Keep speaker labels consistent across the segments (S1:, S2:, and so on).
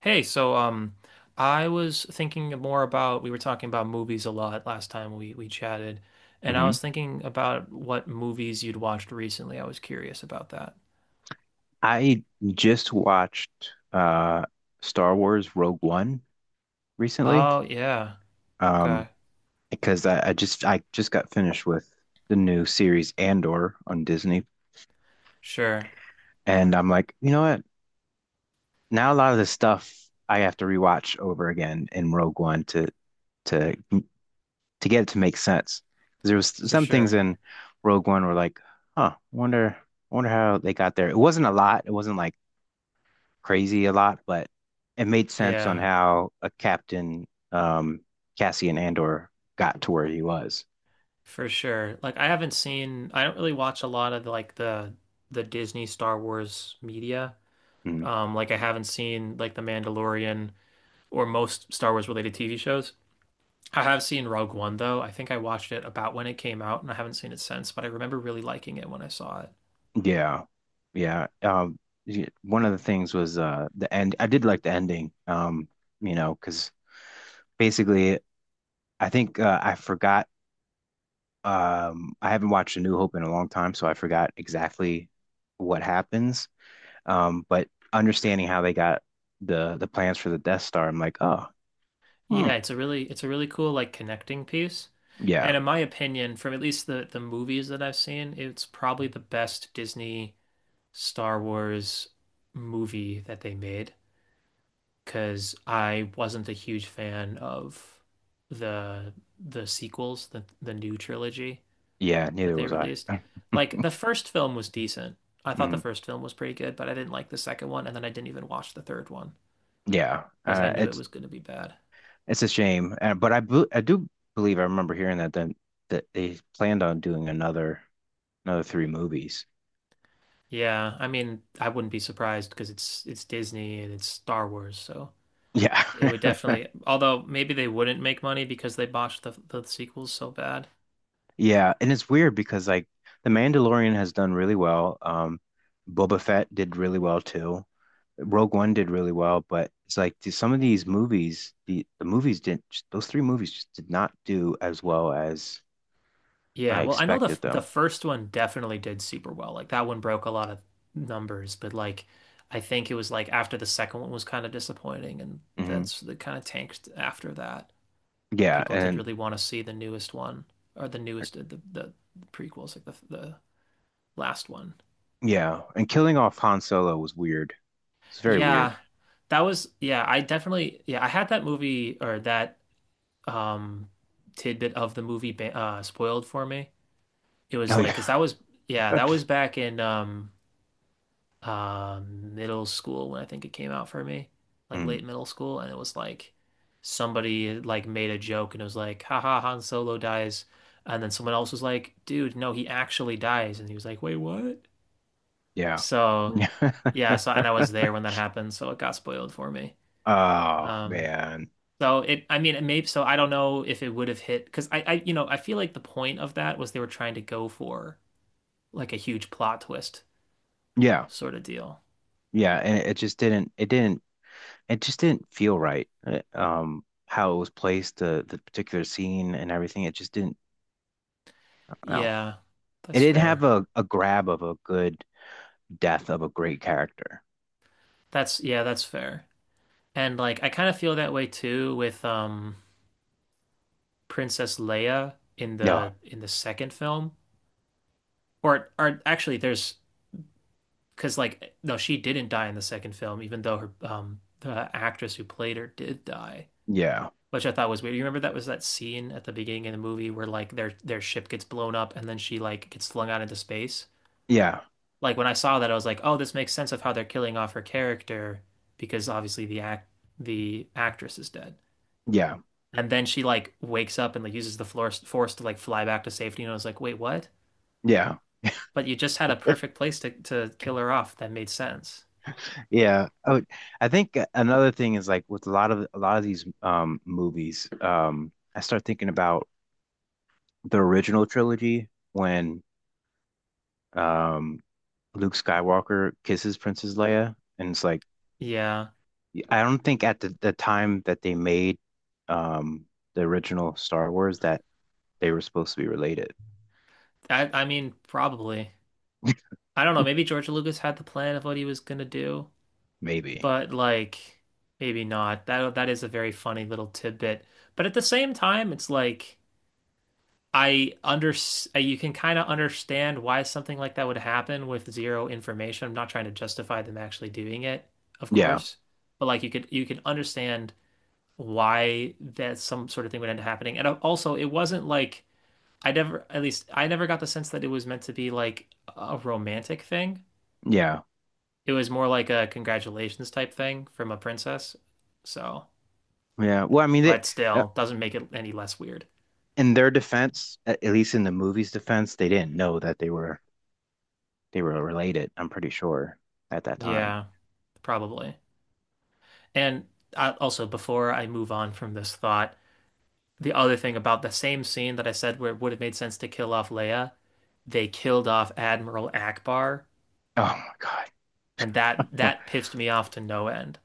S1: Hey, so I was thinking more about we were talking about movies a lot last time we chatted, and I was
S2: Mhm.
S1: thinking about what movies you'd watched recently. I was curious about that.
S2: I just watched uh Star Wars Rogue One recently.
S1: Oh yeah,
S2: Um,
S1: okay,
S2: because I just got finished with the new series Andor on Disney.
S1: sure,
S2: And I'm like, you know what? Now a lot of this stuff I have to rewatch over again in Rogue One to to get it to make sense. 'Cause there was
S1: for
S2: some things
S1: sure,
S2: in Rogue One were like, huh, wonder how they got there. It wasn't a lot. It wasn't like crazy a lot, but it made sense on
S1: yeah,
S2: how a captain, Cassian Andor got to where he was.
S1: for sure. Like I haven't seen, I don't really watch a lot of like the Disney Star Wars media.
S2: Mm.
S1: Like I haven't seen like The Mandalorian or most Star Wars related TV shows. I have seen Rogue One though. I think I watched it about when it came out and I haven't seen it since, but I remember really liking it when I saw it.
S2: Yeah. Yeah. One of the things was the end. I did like the ending. Because basically, I think I forgot. I haven't watched A New Hope in a long time, so I forgot exactly what happens. But understanding how they got the plans for the Death Star, I'm like, oh, hmm,
S1: Yeah, it's a really cool like connecting piece. And
S2: yeah.
S1: in my opinion, from at least the movies that I've seen, it's probably the best Disney Star Wars movie that they made because I wasn't a huge fan of the the sequels, the new trilogy
S2: Yeah,
S1: that
S2: neither
S1: they
S2: was I.
S1: released. Like the first film was decent. I thought the
S2: Mhm.
S1: first film was pretty good, but I didn't like the second one, and then I didn't even watch the third one
S2: Yeah,
S1: because I knew it
S2: it's
S1: was going to be bad.
S2: it's a shame, but I do believe I remember hearing that then that they planned on doing another three movies.
S1: Yeah, I mean, I wouldn't be surprised because it's Disney and it's Star Wars, so
S2: Yeah,
S1: it would definitely. Although maybe they wouldn't make money because they botched the sequels so bad.
S2: yeah, and it's weird because like The Mandalorian has done really well. Boba Fett did really well too. Rogue One did really well, but it's like some of these movies, the movies didn't. Those three movies just did not do as well as
S1: Yeah,
S2: I
S1: well, I know the
S2: expected
S1: the
S2: them.
S1: first one definitely did super well. Like that one broke a lot of numbers, but like I think it was like after the second one was kind of disappointing, and
S2: Hmm.
S1: that's the kind of tanked after that.
S2: Yeah,
S1: People did
S2: and
S1: really want to see the newest one or the newest the prequels like the last one.
S2: yeah, and killing off Han Solo was weird. It's very weird.
S1: Yeah. That was, yeah, I definitely, yeah, I had that movie or that um tidbit of the movie spoiled for me. It was
S2: Oh
S1: like
S2: yeah,
S1: because that was, yeah, that was back in middle school when I think it came out for me, like
S2: mm,
S1: late middle school, and it was like somebody like made a joke and it was like, haha, Han Solo dies. And then someone else was like, dude, no, he actually dies. And he was like, wait, what?
S2: yeah,
S1: So
S2: yeah.
S1: yeah, and I was there when that happened, so it got spoiled for me.
S2: Oh
S1: Um
S2: man,
S1: so it I mean it may so I don't know if it would have hit because I you know I feel like the point of that was they were trying to go for like a huge plot twist
S2: yeah,
S1: sort of deal.
S2: yeah, and it just didn't. It didn't. It just didn't feel right. How it was placed, the particular scene and everything. It just didn't. No,
S1: Yeah,
S2: it
S1: that's
S2: didn't have
S1: fair.
S2: a grab of a good death of a great character.
S1: That's, yeah, that's fair. And like I kind of feel that way too with Princess Leia in
S2: No,
S1: the second film. Or actually there's because like no, she didn't die in the second film, even though her the actress who played her did die,
S2: yeah,
S1: which I thought was weird. You remember that was that scene at the beginning of the movie where like their ship gets blown up and then she like gets flung out into space?
S2: yeah,
S1: Like when I saw that I was like, "Oh, this makes sense of how they're killing off her character because obviously the actress is dead."
S2: yeah,
S1: And then she like wakes up and like uses the force to like fly back to safety. And I was like, wait, what?
S2: yeah.
S1: But you just had a perfect place to kill her off. That made sense.
S2: Yeah, I would, I think another thing is like with a lot of these movies, I start thinking about the original trilogy when um Luke Skywalker kisses Princess Leia, and it's like
S1: Yeah.
S2: I don't think at the time that they made um the original Star Wars that they were supposed to be related.
S1: I mean, probably. I don't know. Maybe George Lucas had the plan of what he was gonna do,
S2: Maybe.
S1: but like maybe not. That is a very funny little tidbit. But at the same time, it's like I under you can kind of understand why something like that would happen with zero information. I'm not trying to justify them actually doing it, of
S2: Yeah.
S1: course, but like you could understand why that some sort of thing would end up happening. And also, it wasn't like I never at least I never got the sense that it was meant to be like a romantic thing.
S2: Yeah.
S1: It was more like a congratulations type thing from a princess. So,
S2: Yeah. Well, I mean,
S1: but
S2: uh,
S1: still doesn't make it any less weird.
S2: in their defense, at least in the movie's defense, they didn't know that they were related, I'm pretty sure, at that time.
S1: Yeah, probably. And also, before I move on from this thought, the other thing about the same scene that I said where it would have made sense to kill off Leia, they killed off Admiral Akbar,
S2: Oh my God.
S1: and that pissed me off to no end.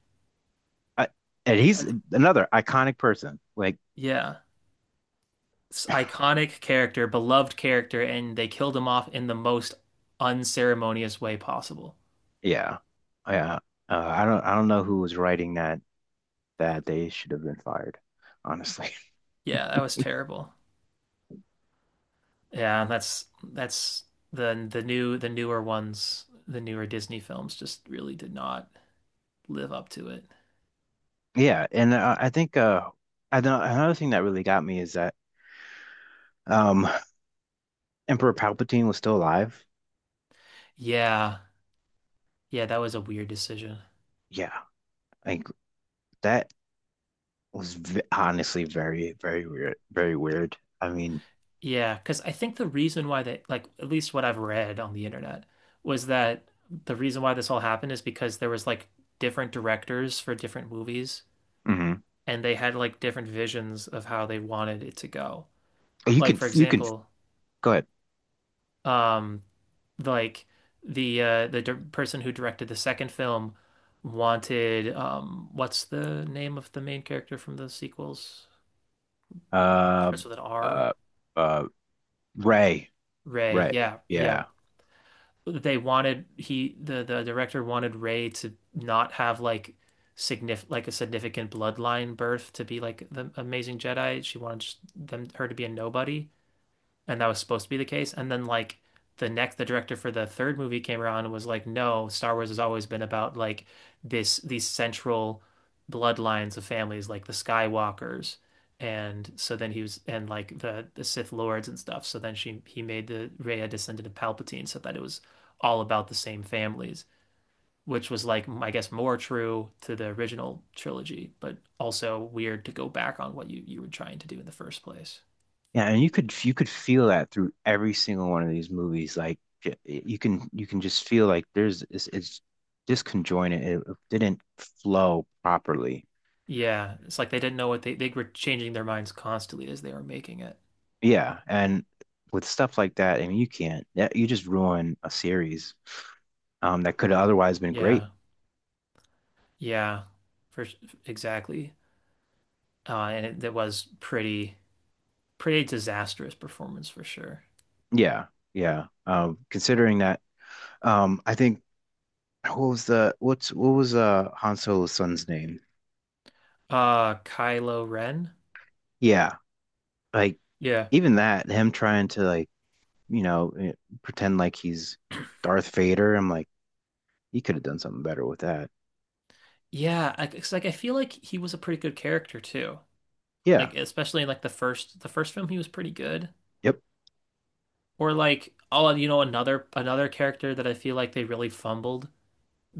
S2: I, and he's another iconic person. Like,
S1: Yeah, it's iconic character, beloved character, and they killed him off in the most unceremonious way possible.
S2: yeah, yeah. I don't know who was writing that. That they should have been fired, honestly.
S1: Yeah, that was terrible. Yeah, that's the newer ones, the newer Disney films just really did not live up to it.
S2: Yeah, and I think I don't, another thing that really got me is that um, Emperor Palpatine was still alive.
S1: Yeah. Yeah, that was a weird decision.
S2: Yeah, like that was v honestly very, very weird, very weird. I mean,
S1: Yeah, because I think the reason why they, like, at least what I've read on the internet, was that the reason why this all happened is because there was like different directors for different movies,
S2: mhm.
S1: and they had like different visions of how they wanted it to go. Like, for
S2: You can
S1: example,
S2: go ahead.
S1: um, like the di person who directed the second film wanted, what's the name of the main character from the sequels?
S2: Uh,
S1: Starts with an R.
S2: uh, uh, Ray,
S1: Ray.
S2: Ray.
S1: Yeah, yeah.
S2: Yeah.
S1: The director wanted Rey to not have like significant like a significant bloodline birth to be like the amazing Jedi. She wanted just them her to be a nobody and that was supposed to be the case. And then like the director for the third movie came around and was like, no, Star Wars has always been about like this these central bloodlines of families, like the Skywalkers. And so then he was and like the Sith Lords and stuff. So then she he made the Rey a descendant of Palpatine, so that it was all about the same families, which was like I guess more true to the original trilogy, but also weird to go back on what you were trying to do in the first place.
S2: Yeah, and you could feel that through every single one of these movies. Like you can just feel like there's it's disconjointed. It didn't flow properly.
S1: Yeah, it's like they didn't know what they were changing their minds constantly as they were making it.
S2: Yeah, and with stuff like that, I mean, you can't. You just ruin a series that could have otherwise been
S1: Yeah,
S2: great.
S1: yeah, for s- exactly. That was pretty disastrous performance for sure.
S2: Yeah, yeah. I think what was Han Solo's son's name?
S1: Kylo Ren.
S2: Yeah, like
S1: Yeah.
S2: even that him trying to like you know, eh, pretend like he's Darth Vader. I'm like, he could have done something better with that.
S1: Yeah, it's like I feel like he was a pretty good character too. Like
S2: Yeah.
S1: especially in like the first film he was pretty good.
S2: Yep.
S1: Or like oh, another character that I feel like they really fumbled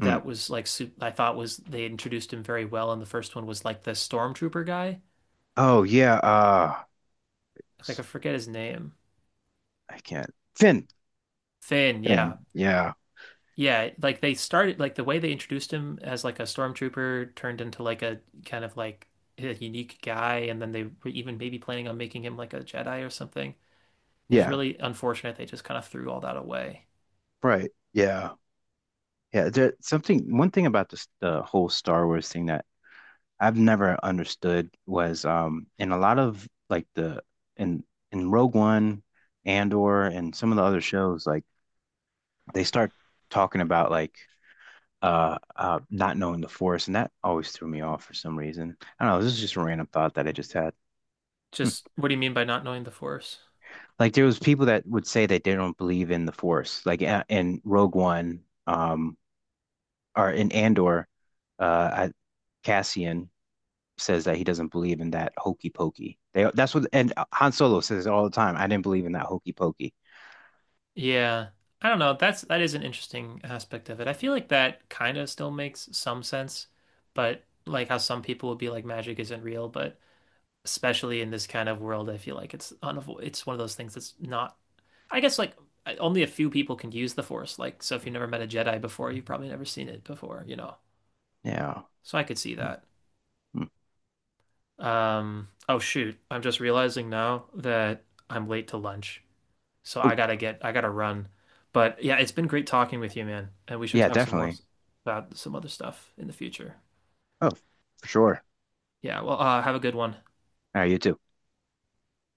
S2: Hmm.
S1: was like I thought was they introduced him very well, and the first one was like the stormtrooper guy.
S2: Oh yeah. Uh,
S1: Like I forget his name.
S2: I I can't. Finn.
S1: Finn, yeah.
S2: Finn. Yeah.
S1: Yeah, like they started like the way they introduced him as like a stormtrooper turned into like a kind of like a unique guy, and then they were even maybe planning on making him like a Jedi or something. It's
S2: Yeah.
S1: really unfortunate they just kind of threw all that away.
S2: Right. Yeah. Yeah. There, something. One thing about this the whole Star Wars thing that I've never understood was in a lot of like the in in Rogue One, Andor, and some of the other shows like they start talking about like not knowing the force, and that always threw me off for some reason. I don't know. This is just a random thought that I just had. Hmm.
S1: Just what do you mean by not knowing the Force?
S2: Like there was people that would say that they don't believe in the force, in Rogue One, or in Andor, uh, I, Cassian says that he doesn't believe in that hokey pokey. They that's what and Han Solo says it all the time. I didn't believe in that hokey pokey.
S1: Yeah. I don't know. That is an interesting aspect of it. I feel like that kind of still makes some sense, but like how some people would be like magic isn't real, but especially in this kind of world, I feel like it's one of those things that's not I guess like only a few people can use the Force. Like so if you never met a Jedi before, you've probably never seen it before, you know.
S2: Yeah.
S1: So I could see that.
S2: Mhm.
S1: Oh shoot. I'm just realizing now that I'm late to lunch. So
S2: Oh,
S1: I gotta run. But yeah, it's been great talking with you, man. And we should
S2: yeah,
S1: talk some more
S2: definitely.
S1: about some other stuff in the future.
S2: Oh, for sure.
S1: Yeah, well, have a good one.
S2: All right, you too.